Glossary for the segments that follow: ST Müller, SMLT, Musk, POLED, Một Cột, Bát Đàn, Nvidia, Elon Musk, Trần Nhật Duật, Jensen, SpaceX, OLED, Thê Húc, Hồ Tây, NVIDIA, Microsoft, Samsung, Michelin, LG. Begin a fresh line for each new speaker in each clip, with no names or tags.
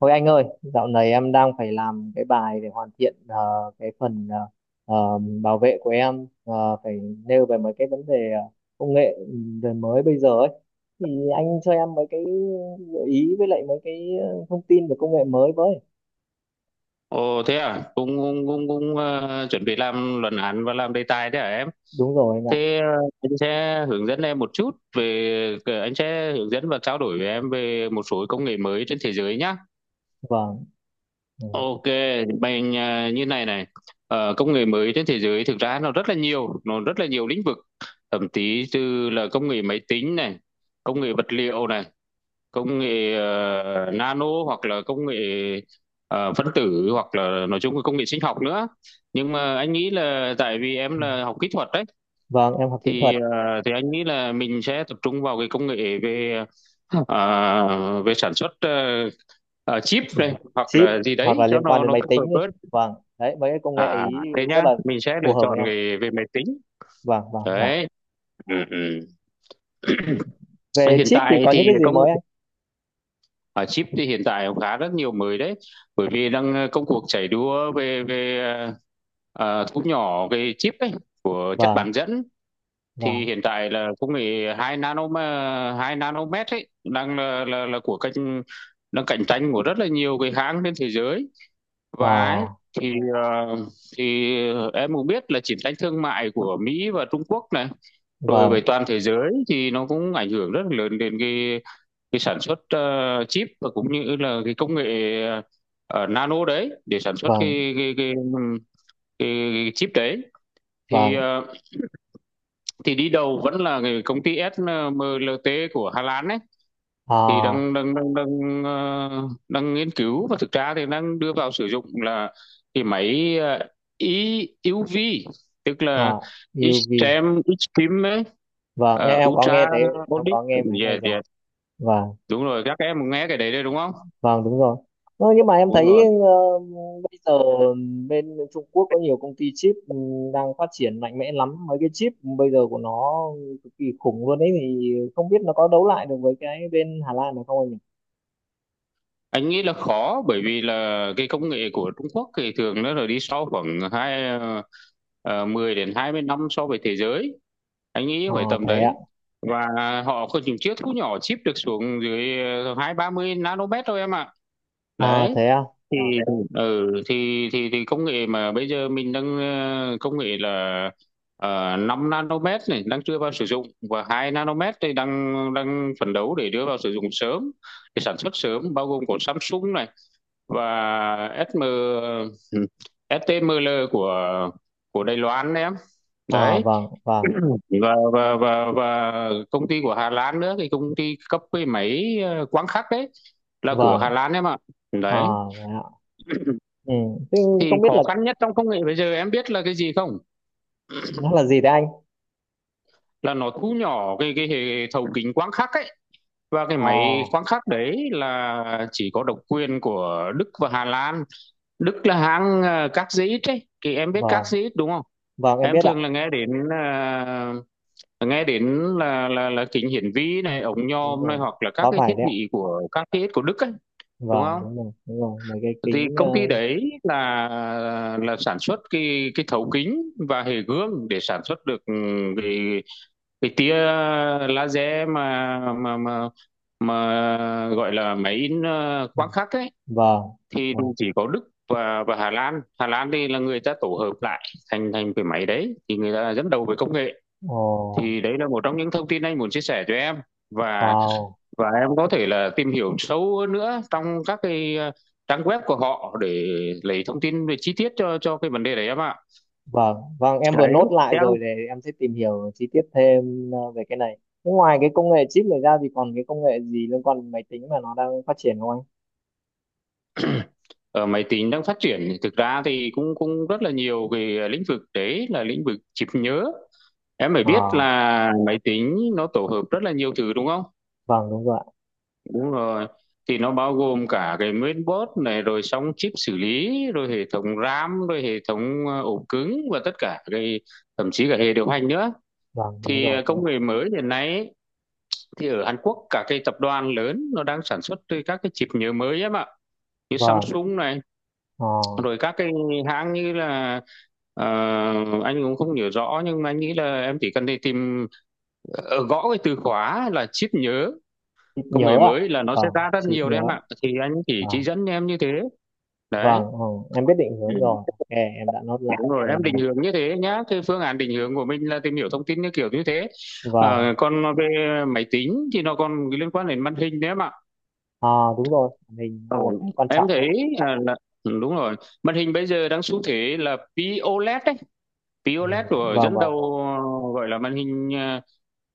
Thôi anh ơi, dạo này em đang phải làm cái bài để hoàn thiện cái phần bảo vệ của em phải nêu về mấy cái vấn đề công nghệ đời mới bây giờ ấy. Thì anh cho em mấy cái gợi ý với lại mấy cái thông tin về công nghệ mới với.
Ồ, thế à? Cũng chuẩn bị làm luận án và làm đề tài thế à em?
Đúng rồi anh ạ.
Thế, anh sẽ hướng dẫn em một chút về anh sẽ hướng dẫn và trao đổi với em về một số công nghệ mới trên thế giới nhá.
Vâng. Ừ.
Ok, mình như này này. Công nghệ mới trên thế giới thực ra nó rất là nhiều, lĩnh vực. Thậm chí từ là công nghệ máy tính này, công nghệ vật liệu này, công nghệ nano, hoặc là công nghệ phân tử, hoặc là nói chung là công nghệ sinh học nữa. Nhưng mà anh nghĩ là, tại vì em
Ừ.
là học kỹ thuật đấy,
Vâng, em học kỹ
thì
thuật.
ờ, thì anh nghĩ là mình sẽ tập trung vào cái công nghệ về ờ, về sản xuất chip
Ừ.
này hoặc
Chip
là gì
hoặc
đấy
là
cho
liên quan
nó
đến
nó
máy
phù hợp
tính đi.
hơn.
Vâng. Đấy, mấy cái công nghệ
À,
ý
thế
rất
nhá,
là
mình sẽ
phù
lựa
hợp với
chọn
em.
về về máy tính
Vâng, vâng, vâng.
đấy. Ừ, ừ.
Về
hiện
chip thì
tại
có những
thì
cái gì
công
mới anh?
À, chip thì hiện tại cũng khá rất nhiều mới đấy, bởi vì đang công cuộc chạy đua về về thu nhỏ cái chip ấy, của chất
Vâng,
bán dẫn. Thì
vâng.
hiện tại là công nghệ 2 nanomet ấy, đang là của cạnh đang cạnh tranh của rất là nhiều cái hãng trên thế giới,
Ờ.
và ấy, thì ờ, thì em cũng biết là chiến tranh thương mại của Mỹ và Trung Quốc này, rồi
Vâng,
về toàn thế giới, thì nó cũng ảnh hưởng rất là lớn đến cái sản xuất chip và cũng như là cái công nghệ ờ, nano đấy, để sản xuất
vâng,
cái, cái chip đấy. thì
vâng.
ờ, thì đi đầu vẫn là cái công ty SMLT của Hà Lan ấy, thì
à,
đang đang đang đang ờ, đang nghiên cứu, và thực ra thì đang đưa vào sử dụng là cái máy i u vi, tức
à,
là
UV.
extreme extreme ấy,
Vâng, em, em có nghe
ultra
thấy. Em
audit.
có nghe máy này
Yeah,
rồi.
yeah.
Vâng,
Đúng rồi, các em nghe cái đấy đấy đúng không?
vâng, đúng rồi. Ơ, nhưng mà em
Đúng
thấy
rồi.
bây giờ bên Trung Quốc có nhiều công ty chip đang phát triển mạnh mẽ lắm. Mấy cái chip bây giờ của nó cực kỳ khủng luôn ấy, thì không biết nó có đấu lại được với cái bên Hà Lan được không anh nhỉ?
Anh nghĩ là khó, bởi vì là cái công nghệ của Trung Quốc thì thường nó là đi sau khoảng 10 đến 20 năm so với thế giới, anh nghĩ
À,
phải tầm
thế ạ.
đấy. Và họ có những chiếc thu nhỏ chip được xuống dưới hai ba mươi nanomet thôi em ạ.
À
Đấy.
thế ạ.
thì
Vâng.
ừ thì thì thì công nghệ mà bây giờ mình đang, công nghệ là 5 nanomet này đang chưa vào sử dụng, và 2 nanomet thì đang đang phấn đấu để đưa vào sử dụng sớm, để sản xuất sớm, bao gồm của Samsung này và SM ST Müller của Đài Loan đấy em.
À.
Đấy.
Vâng, vâng,
Và công ty của Hà Lan nữa, thì công ty cấp cái máy quang khắc đấy là của
vâng.
Hà Lan em ạ.
À
Đấy.
thế ạ. Ừ. Thế
Thì
không biết
khó
là
khăn nhất trong công nghệ bây giờ em biết là cái gì không?
nó là gì đấy anh?
Là nó thu nhỏ cái hệ thấu kính quang khắc ấy. Và cái máy
À.
quang khắc đấy là chỉ có độc quyền của Đức và Hà Lan. Đức là hãng Các ấy, thì em biết Các
Vâng.
đúng không?
Vâng, em
Em
biết ạ.
thường là nghe đến, nghe đến là kính hiển vi này, ống
Đúng
nhòm này,
rồi.
hoặc là các
Có
cái
phải
thiết
đấy ạ.
bị của các cái của Đức ấy, đúng
Vâng,
không?
đúng rồi. Đúng rồi. Mấy cái
Thì
kính...
công ty đấy là sản xuất cái thấu kính và hệ gương để sản xuất được cái cái tia laser mà gọi là máy in
ừ.
quang khắc ấy.
Vâng.
Thì
Vâng.
chỉ có Đức và Hà Lan, thì là người ta tổ hợp lại thành thành cái máy đấy. Thì người ta là dẫn đầu về công nghệ.
Ồ,
Thì đấy là một trong những thông tin anh muốn chia sẻ cho em, và
wow.
và em có thể là tìm hiểu sâu hơn nữa trong các cái trang web của họ để lấy thông tin về chi tiết cho cái vấn đề đấy em ạ.
Vâng. Vâng, em vừa
Đấy.
nốt lại
Em,
rồi để em sẽ tìm hiểu chi tiết thêm về cái này. Thế ngoài cái công nghệ chip này ra thì còn cái công nghệ gì liên quan đến máy tính mà nó đang phát triển không anh?
ở máy tính đang phát triển thì thực ra thì cũng cũng rất là nhiều cái lĩnh vực, đấy là lĩnh vực chip nhớ. Em phải
Ờ,
biết là máy tính nó tổ hợp rất là nhiều thứ đúng không?
vâng, đúng rồi ạ.
Đúng rồi. Thì nó bao gồm cả cái main board này, rồi xong chip xử lý, rồi hệ thống RAM, rồi hệ thống ổ cứng và tất cả cái, thậm chí cả hệ điều hành nữa.
Vâng, đúng
Thì
rồi. Đúng rồi.
công nghệ mới hiện nay ấy, thì ở Hàn Quốc cả cái tập đoàn lớn nó đang sản xuất từ các cái chip nhớ mới em ạ. Như
Vâng.
Samsung này,
Ờ,
rồi các cái hãng như là, ờ, anh cũng không nhớ rõ, nhưng mà anh nghĩ là em chỉ cần đi tìm, gõ cái từ khóa là chip nhớ.
chip
Công nghệ
nhớ ạ.
mới là nó sẽ
Vâng,
ra rất
chip
nhiều đấy
nhớ.
em ạ, thì anh chỉ
Vâng.
dẫn em như thế. Đấy.
Vâng, ờ, em biết định hướng
Ừ.
rồi. Ok, em đã nốt lại.
Đúng rồi,
Ok,
em định
một.
hướng như thế nhá. Cái phương án định hướng của mình là tìm hiểu thông tin như kiểu như thế.
Vâng.
Còn về máy tính thì nó còn liên quan đến màn hình đấy em ạ.
À đúng rồi, màn hình
Ờ,
là một cái quan
em
trọng
thấy,
đấy.
à, là đúng rồi. Màn hình bây giờ đang xu thế là POLED đấy.
Ừ,
POLED của
vâng,
dẫn
vâng,
đầu,
vâng.
gọi là màn hình, à,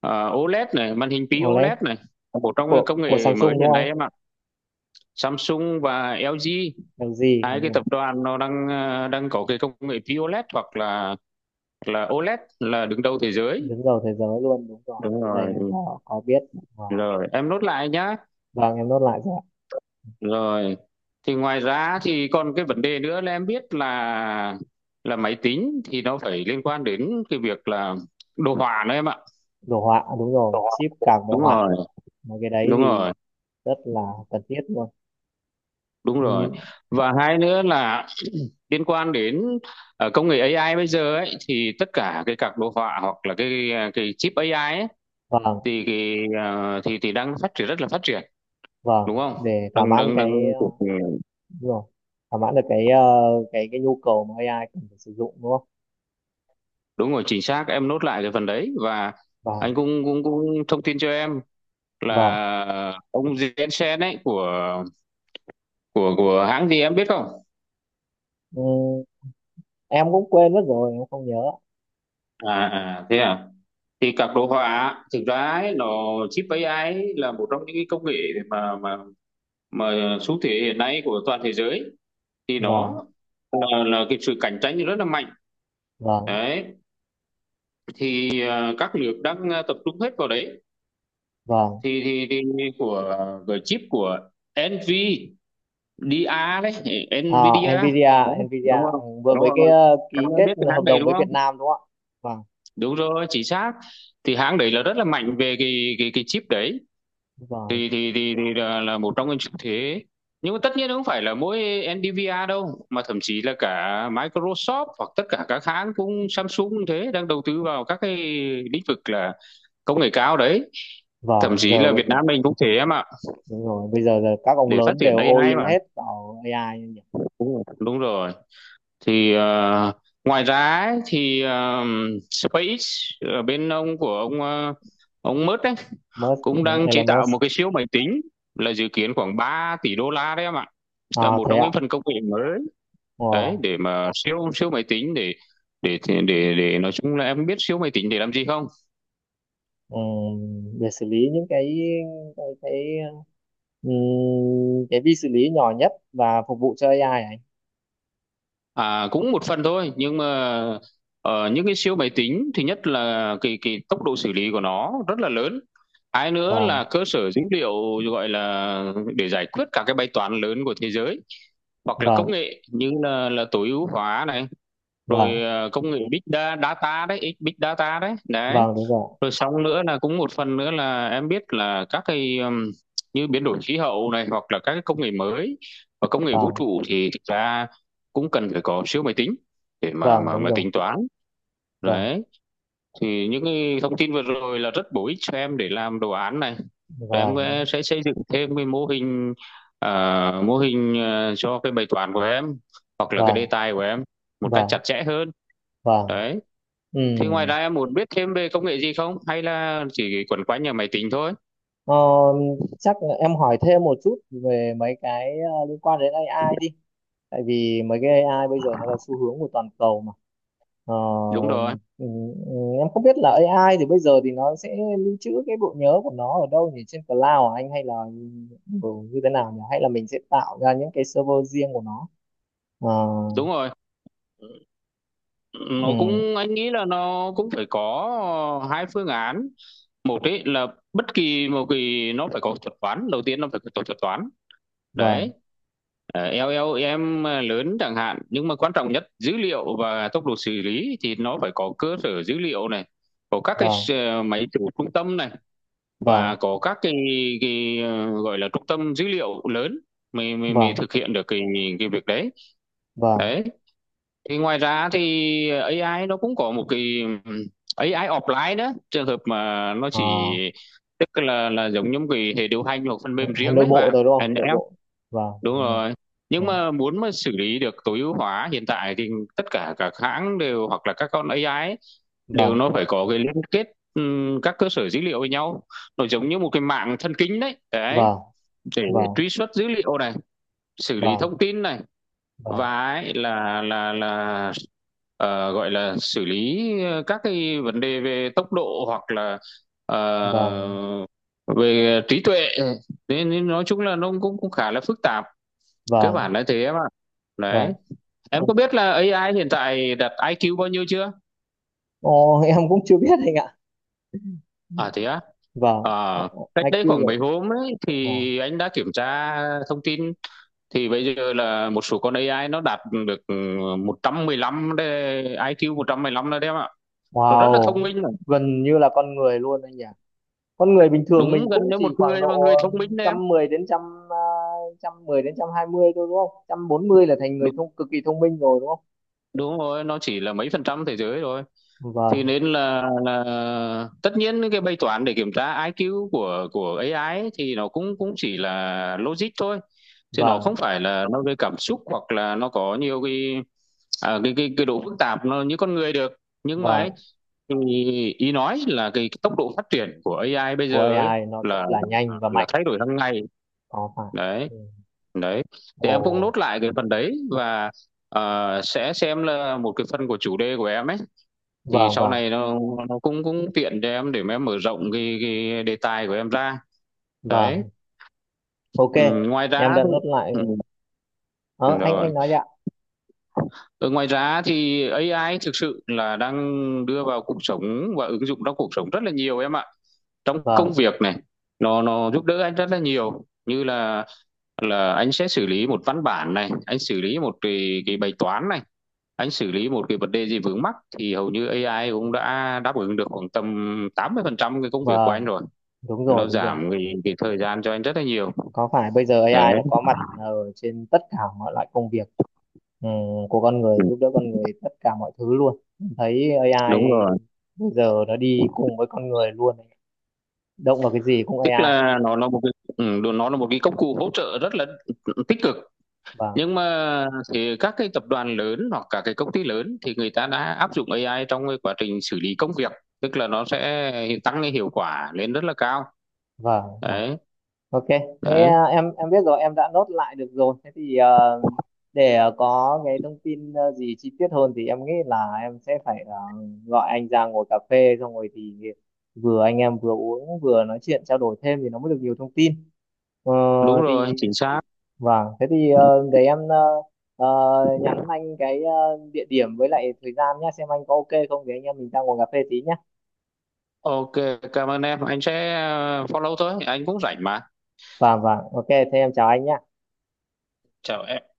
à, OLED này, màn hình
OLED
POLED này. Một trong những công
của
nghệ mới
Samsung đúng
hiện
không anh?
nay em ạ. Samsung và LG,
LG
hai
đúng
cái
rồi,
tập đoàn nó đang đang có cái công nghệ POLED hoặc là OLED là đứng đầu thế giới,
đứng đầu thế giới luôn, đúng rồi.
đúng
Cái này
rồi.
em có biết. Vâng,
Rồi em nốt lại nhá.
vâng em nốt lại rồi ạ.
Rồi. Thì ngoài ra thì còn cái vấn đề nữa là, em biết là, máy tính thì nó phải liên quan đến cái việc là đồ họa nữa em ạ.
Đồ họa đúng rồi, chip cảm đồ
Đúng
họa.
rồi.
Mà cái đấy
Đúng
thì
rồi.
rất là cần thiết luôn.
Đúng
Ừ,
rồi. Và hai nữa là liên quan đến công nghệ AI bây giờ ấy, thì tất cả cái các đồ họa hoặc là cái chip AI ấy,
vâng,
thì cái, thì đang phát triển rất là phát triển,
vâng.
đúng không?
Để thỏa
đừng
mãn
đừng
cái
đừng
đúng rồi, thỏa mãn được cái cái nhu cầu mà AI cần phải sử dụng đúng không?
Đúng rồi, chính xác, em nốt lại cái phần đấy. Và anh
Vâng,
cũng cũng cũng thông tin cho em
vâng.
là, ông Jensen ấy, của hãng gì em biết không?
Ừ, em cũng quên mất rồi, em không nhớ.
Thế à? Thì các đồ họa thực ra ấy, nó, chip AI ấy, là một trong những cái công nghệ mà mà mà xu thế hiện nay của toàn thế giới. Thì nó
Vâng,
là, cái sự cạnh tranh rất là mạnh
vâng,
đấy. Thì các nước đang tập trung hết vào đấy.
vâng.
Thì của của chip của NVIDIA đấy.
À,
NVIDIA,
Nvidia,
đúng
Nvidia
không?
vừa
Đúng
mới cái
không? Anh,
ký
em
kết
biết cái
hợp
hãng đấy
đồng
đúng
với Việt
không?
Nam đúng không ạ? Vâng,
Đúng rồi, chính xác. Thì hãng đấy là rất là mạnh về cái chip đấy.
vâng,
Thì là một trong những xu thế. Nhưng mà tất nhiên không phải là mỗi NVIDIA đâu, mà thậm chí là cả Microsoft hoặc tất cả các hãng, cũng Samsung cũng thế, đang đầu tư vào các cái lĩnh vực là công nghệ cao đấy, thậm
vâng,
chí
giờ
là
bây
Việt
giờ
Nam mình cũng thế em ạ,
đúng rồi, bây giờ giờ các ông
để phát
lớn
triển
đều all
AI
in
mà.
hết vào AI nhỉ.
Đúng rồi. Đúng rồi. Thì ngoài ra ấy, thì SpaceX, ở bên ông của ông, ông Musk ấy,
Musk,
cũng
đúng,
đang chế
Elon
tạo một
Musk.
cái siêu máy tính, là dự kiến khoảng 3 tỷ đô la đấy em ạ. Là
À
một
thế
trong
ạ.
những phần công nghệ mới đấy,
Wow.
để mà siêu siêu máy tính, để để nói chung là, em biết siêu máy tính để làm gì không?
Để xử lý những cái cái cái vi xử lý nhỏ nhất và phục vụ cho AI ấy.
À, cũng một phần thôi nhưng mà ở những cái siêu máy tính thì nhất là cái tốc độ xử lý của nó rất là lớn, hai nữa là
Vâng,
cơ sở dữ liệu, gọi là để giải quyết các cái bài toán lớn của thế giới, hoặc là
vâng,
công nghệ như là tối ưu hóa này, rồi
vâng,
à, công nghệ big data đấy, big data đấy đấy.
vâng đúng rồi.
Rồi xong nữa là cũng một phần nữa là em biết là các cái như biến đổi khí hậu này, hoặc là các cái công nghệ mới và công nghệ vũ
Vâng,
trụ thì thực ra cũng cần phải có siêu máy tính để mà
vâng
mà
đúng
mà
rồi.
tính toán.
Vâng,
Đấy, thì những cái thông tin vừa rồi là rất bổ ích cho em để làm đồ án này, rồi em sẽ
vâng,
sẽ xây dựng thêm cái mô hình, à, mô hình, à, cho cái bài toán của em hoặc là cái đề
vâng,
tài của em
vâng,
một cách
vâng.
chặt chẽ hơn.
Vâng,
Đấy.
ừ.
Thế ngoài ra em muốn biết thêm về công nghệ gì không? Hay là chỉ quẩn quanh nhà máy tính thôi?
Ờ, chắc là em hỏi thêm một chút về mấy cái liên quan đến AI đi. Tại vì mấy cái AI bây giờ nó là xu hướng của toàn cầu mà. Ờ,
Đúng rồi,
ừ, ừ, em không biết là AI thì bây giờ thì nó sẽ lưu trữ cái bộ nhớ của nó ở đâu nhỉ? Trên cloud à anh, hay là ừ, như thế nào nhỉ? Hay là mình sẽ tạo ra những cái server riêng của nó? Ờ,
đúng rồi. Nó
ừ,
cũng, anh nghĩ là nó cũng phải có hai phương án. Một ấy là bất kỳ một kỳ nó phải có thuật toán, đầu tiên nó phải có thuật toán. Đấy.
vâng,
Ờ, eo eo em lớn chẳng hạn, nhưng mà quan trọng nhất dữ liệu và tốc độ xử lý thì nó phải có cơ sở dữ liệu này, có các cái
vâng,
máy chủ trung tâm này, và
vâng,
có các cái gọi là trung tâm dữ liệu lớn, mới mới mới
vâng,
thực hiện được cái việc đấy.
vâng.
Đấy, thì ngoài ra thì AI nó cũng có một cái, ừm, AI offline đó, trường hợp mà nó
Ờ,
chỉ, tức là giống như một cái hệ điều hành hoặc phần mềm
hay
riêng
nội
đấy
bộ
bạn
rồi đúng
anh
không? Nội
em.
bộ. Vâng,
Đúng
đúng rồi.
rồi,
Ừ,
nhưng mà muốn mà xử lý được tối ưu hóa hiện tại thì tất cả các hãng đều, hoặc là các con AI ấy, đều
vâng,
nó phải có cái liên kết, các cơ sở dữ liệu với nhau, nó giống như một cái mạng thần kinh đấy đấy,
vâng,
để
vâng.
truy xuất dữ liệu này, xử lý
Vâng,
thông tin này,
vâng,
và ấy là gọi là xử lý, các cái vấn đề về tốc độ, hoặc là
vâng,
ờ, về trí tuệ, nên nói chung là nó cũng cũng khá là phức tạp, cơ
vâng,
bản là thế em ạ. Đấy,
vâng.
em có biết là AI hiện tại đặt IQ bao nhiêu chưa?
Ồ, em cũng chưa biết anh ạ.
À thế à?
Vâng.
Ờ, cách đây
IQ
khoảng
rồi.
mấy hôm ấy
Wow.
thì anh đã kiểm tra thông tin, thì bây giờ là một số con AI nó đạt được 115 đấy, ai kiu 115 đấy em ạ. Nó rất là thông
Wow,
minh rồi.
gần như là con người luôn anh nhỉ. Con người bình thường mình
Đúng, gần
cũng
như một
chỉ khoảng
người mà
độ
người thông minh đấy em.
110 đến trăm à, trăm mười đến 120 thôi đúng không, 140 là thành người
Đúng,
thông cực kỳ thông minh rồi đúng không?
đúng rồi, nó chỉ là mấy phần trăm thế giới rồi. Thì
Vâng,
nên là tất nhiên cái bài toán để kiểm tra IQ của AI ấy, thì nó cũng cũng chỉ là logic thôi. Chứ nó không
vâng,
phải là nó về cảm xúc, hoặc là nó có nhiều cái à, cái cái độ phức tạp nó như con người được. Nhưng mà ấy,
vâng.
thì ý nói là cái tốc độ phát triển của AI bây
Của
giờ ấy
AI nó rất
là
là nhanh
là,
và
là
mạnh,
thay đổi hàng ngày.
có phải.
Đấy,
Ừ.
đấy. Thì
Ồ.
em cũng nốt lại cái phần đấy, và à, sẽ xem là một cái phần của chủ đề của em ấy, thì
Vâng,
sau
vâng,
này nó cũng cũng tiện cho em để mà em mở rộng cái đề tài của em ra. Đấy.
vâng. Ok,
Ngoài
em
ra
đã
thì,
nốt lại
ừm,
rồi. Ờ, anh
rồi.
anh nói đi ạ.
Ở ngoài ra thì AI thực sự là đang đưa vào cuộc sống và ứng dụng trong cuộc sống rất là nhiều em ạ. Trong công
Vâng,
việc này, nó giúp đỡ anh rất là nhiều, như là anh sẽ xử lý một văn bản này, anh xử lý một cái bài toán này, anh xử lý một cái vấn đề gì vướng mắc, thì hầu như AI cũng đã đáp ứng được khoảng tầm 80% cái công việc của anh
vâng,
rồi.
đúng rồi,
Nó
đúng rồi.
giảm cái thời gian cho anh rất là nhiều.
Có phải bây giờ
Đấy,
AI nó có mặt ở trên tất cả mọi loại công việc, ừ, của con người,
ừm,
giúp đỡ con người tất cả mọi thứ luôn. Thấy AI
đúng rồi.
bây giờ nó đi cùng với con người luôn. Động vào cái gì cũng
Tức
AI.
là nó là một cái đ nó là một cái công cụ hỗ trợ rất là tích cực,
Vâng,
nhưng mà thì các cái tập đoàn lớn hoặc cả cái công ty lớn thì người ta đã áp dụng AI trong cái quá trình xử lý công việc, tức là nó sẽ tăng cái hiệu quả lên rất là cao.
vâng, vâng.
Đấy,
Ok, thế
đấy,
à, em biết rồi, em đã nốt lại được rồi. Thế thì để có cái thông tin gì chi tiết hơn thì em nghĩ là em sẽ phải gọi anh ra ngồi cà phê xong rồi thì vừa anh em vừa uống vừa nói chuyện trao đổi thêm thì nó mới được nhiều thông tin. Ờ,
đúng rồi,
thì
chính xác.
vâng, thế thì để em ờ, nhắn anh cái địa điểm với lại thời gian nhé, xem anh có ok không thì anh em mình ra ngồi cà phê tí nhé.
OK, cảm ơn em, anh sẽ, follow thôi, anh cũng rảnh mà.
Vâng vâng, ok, thế em chào anh nhé.
Chào em.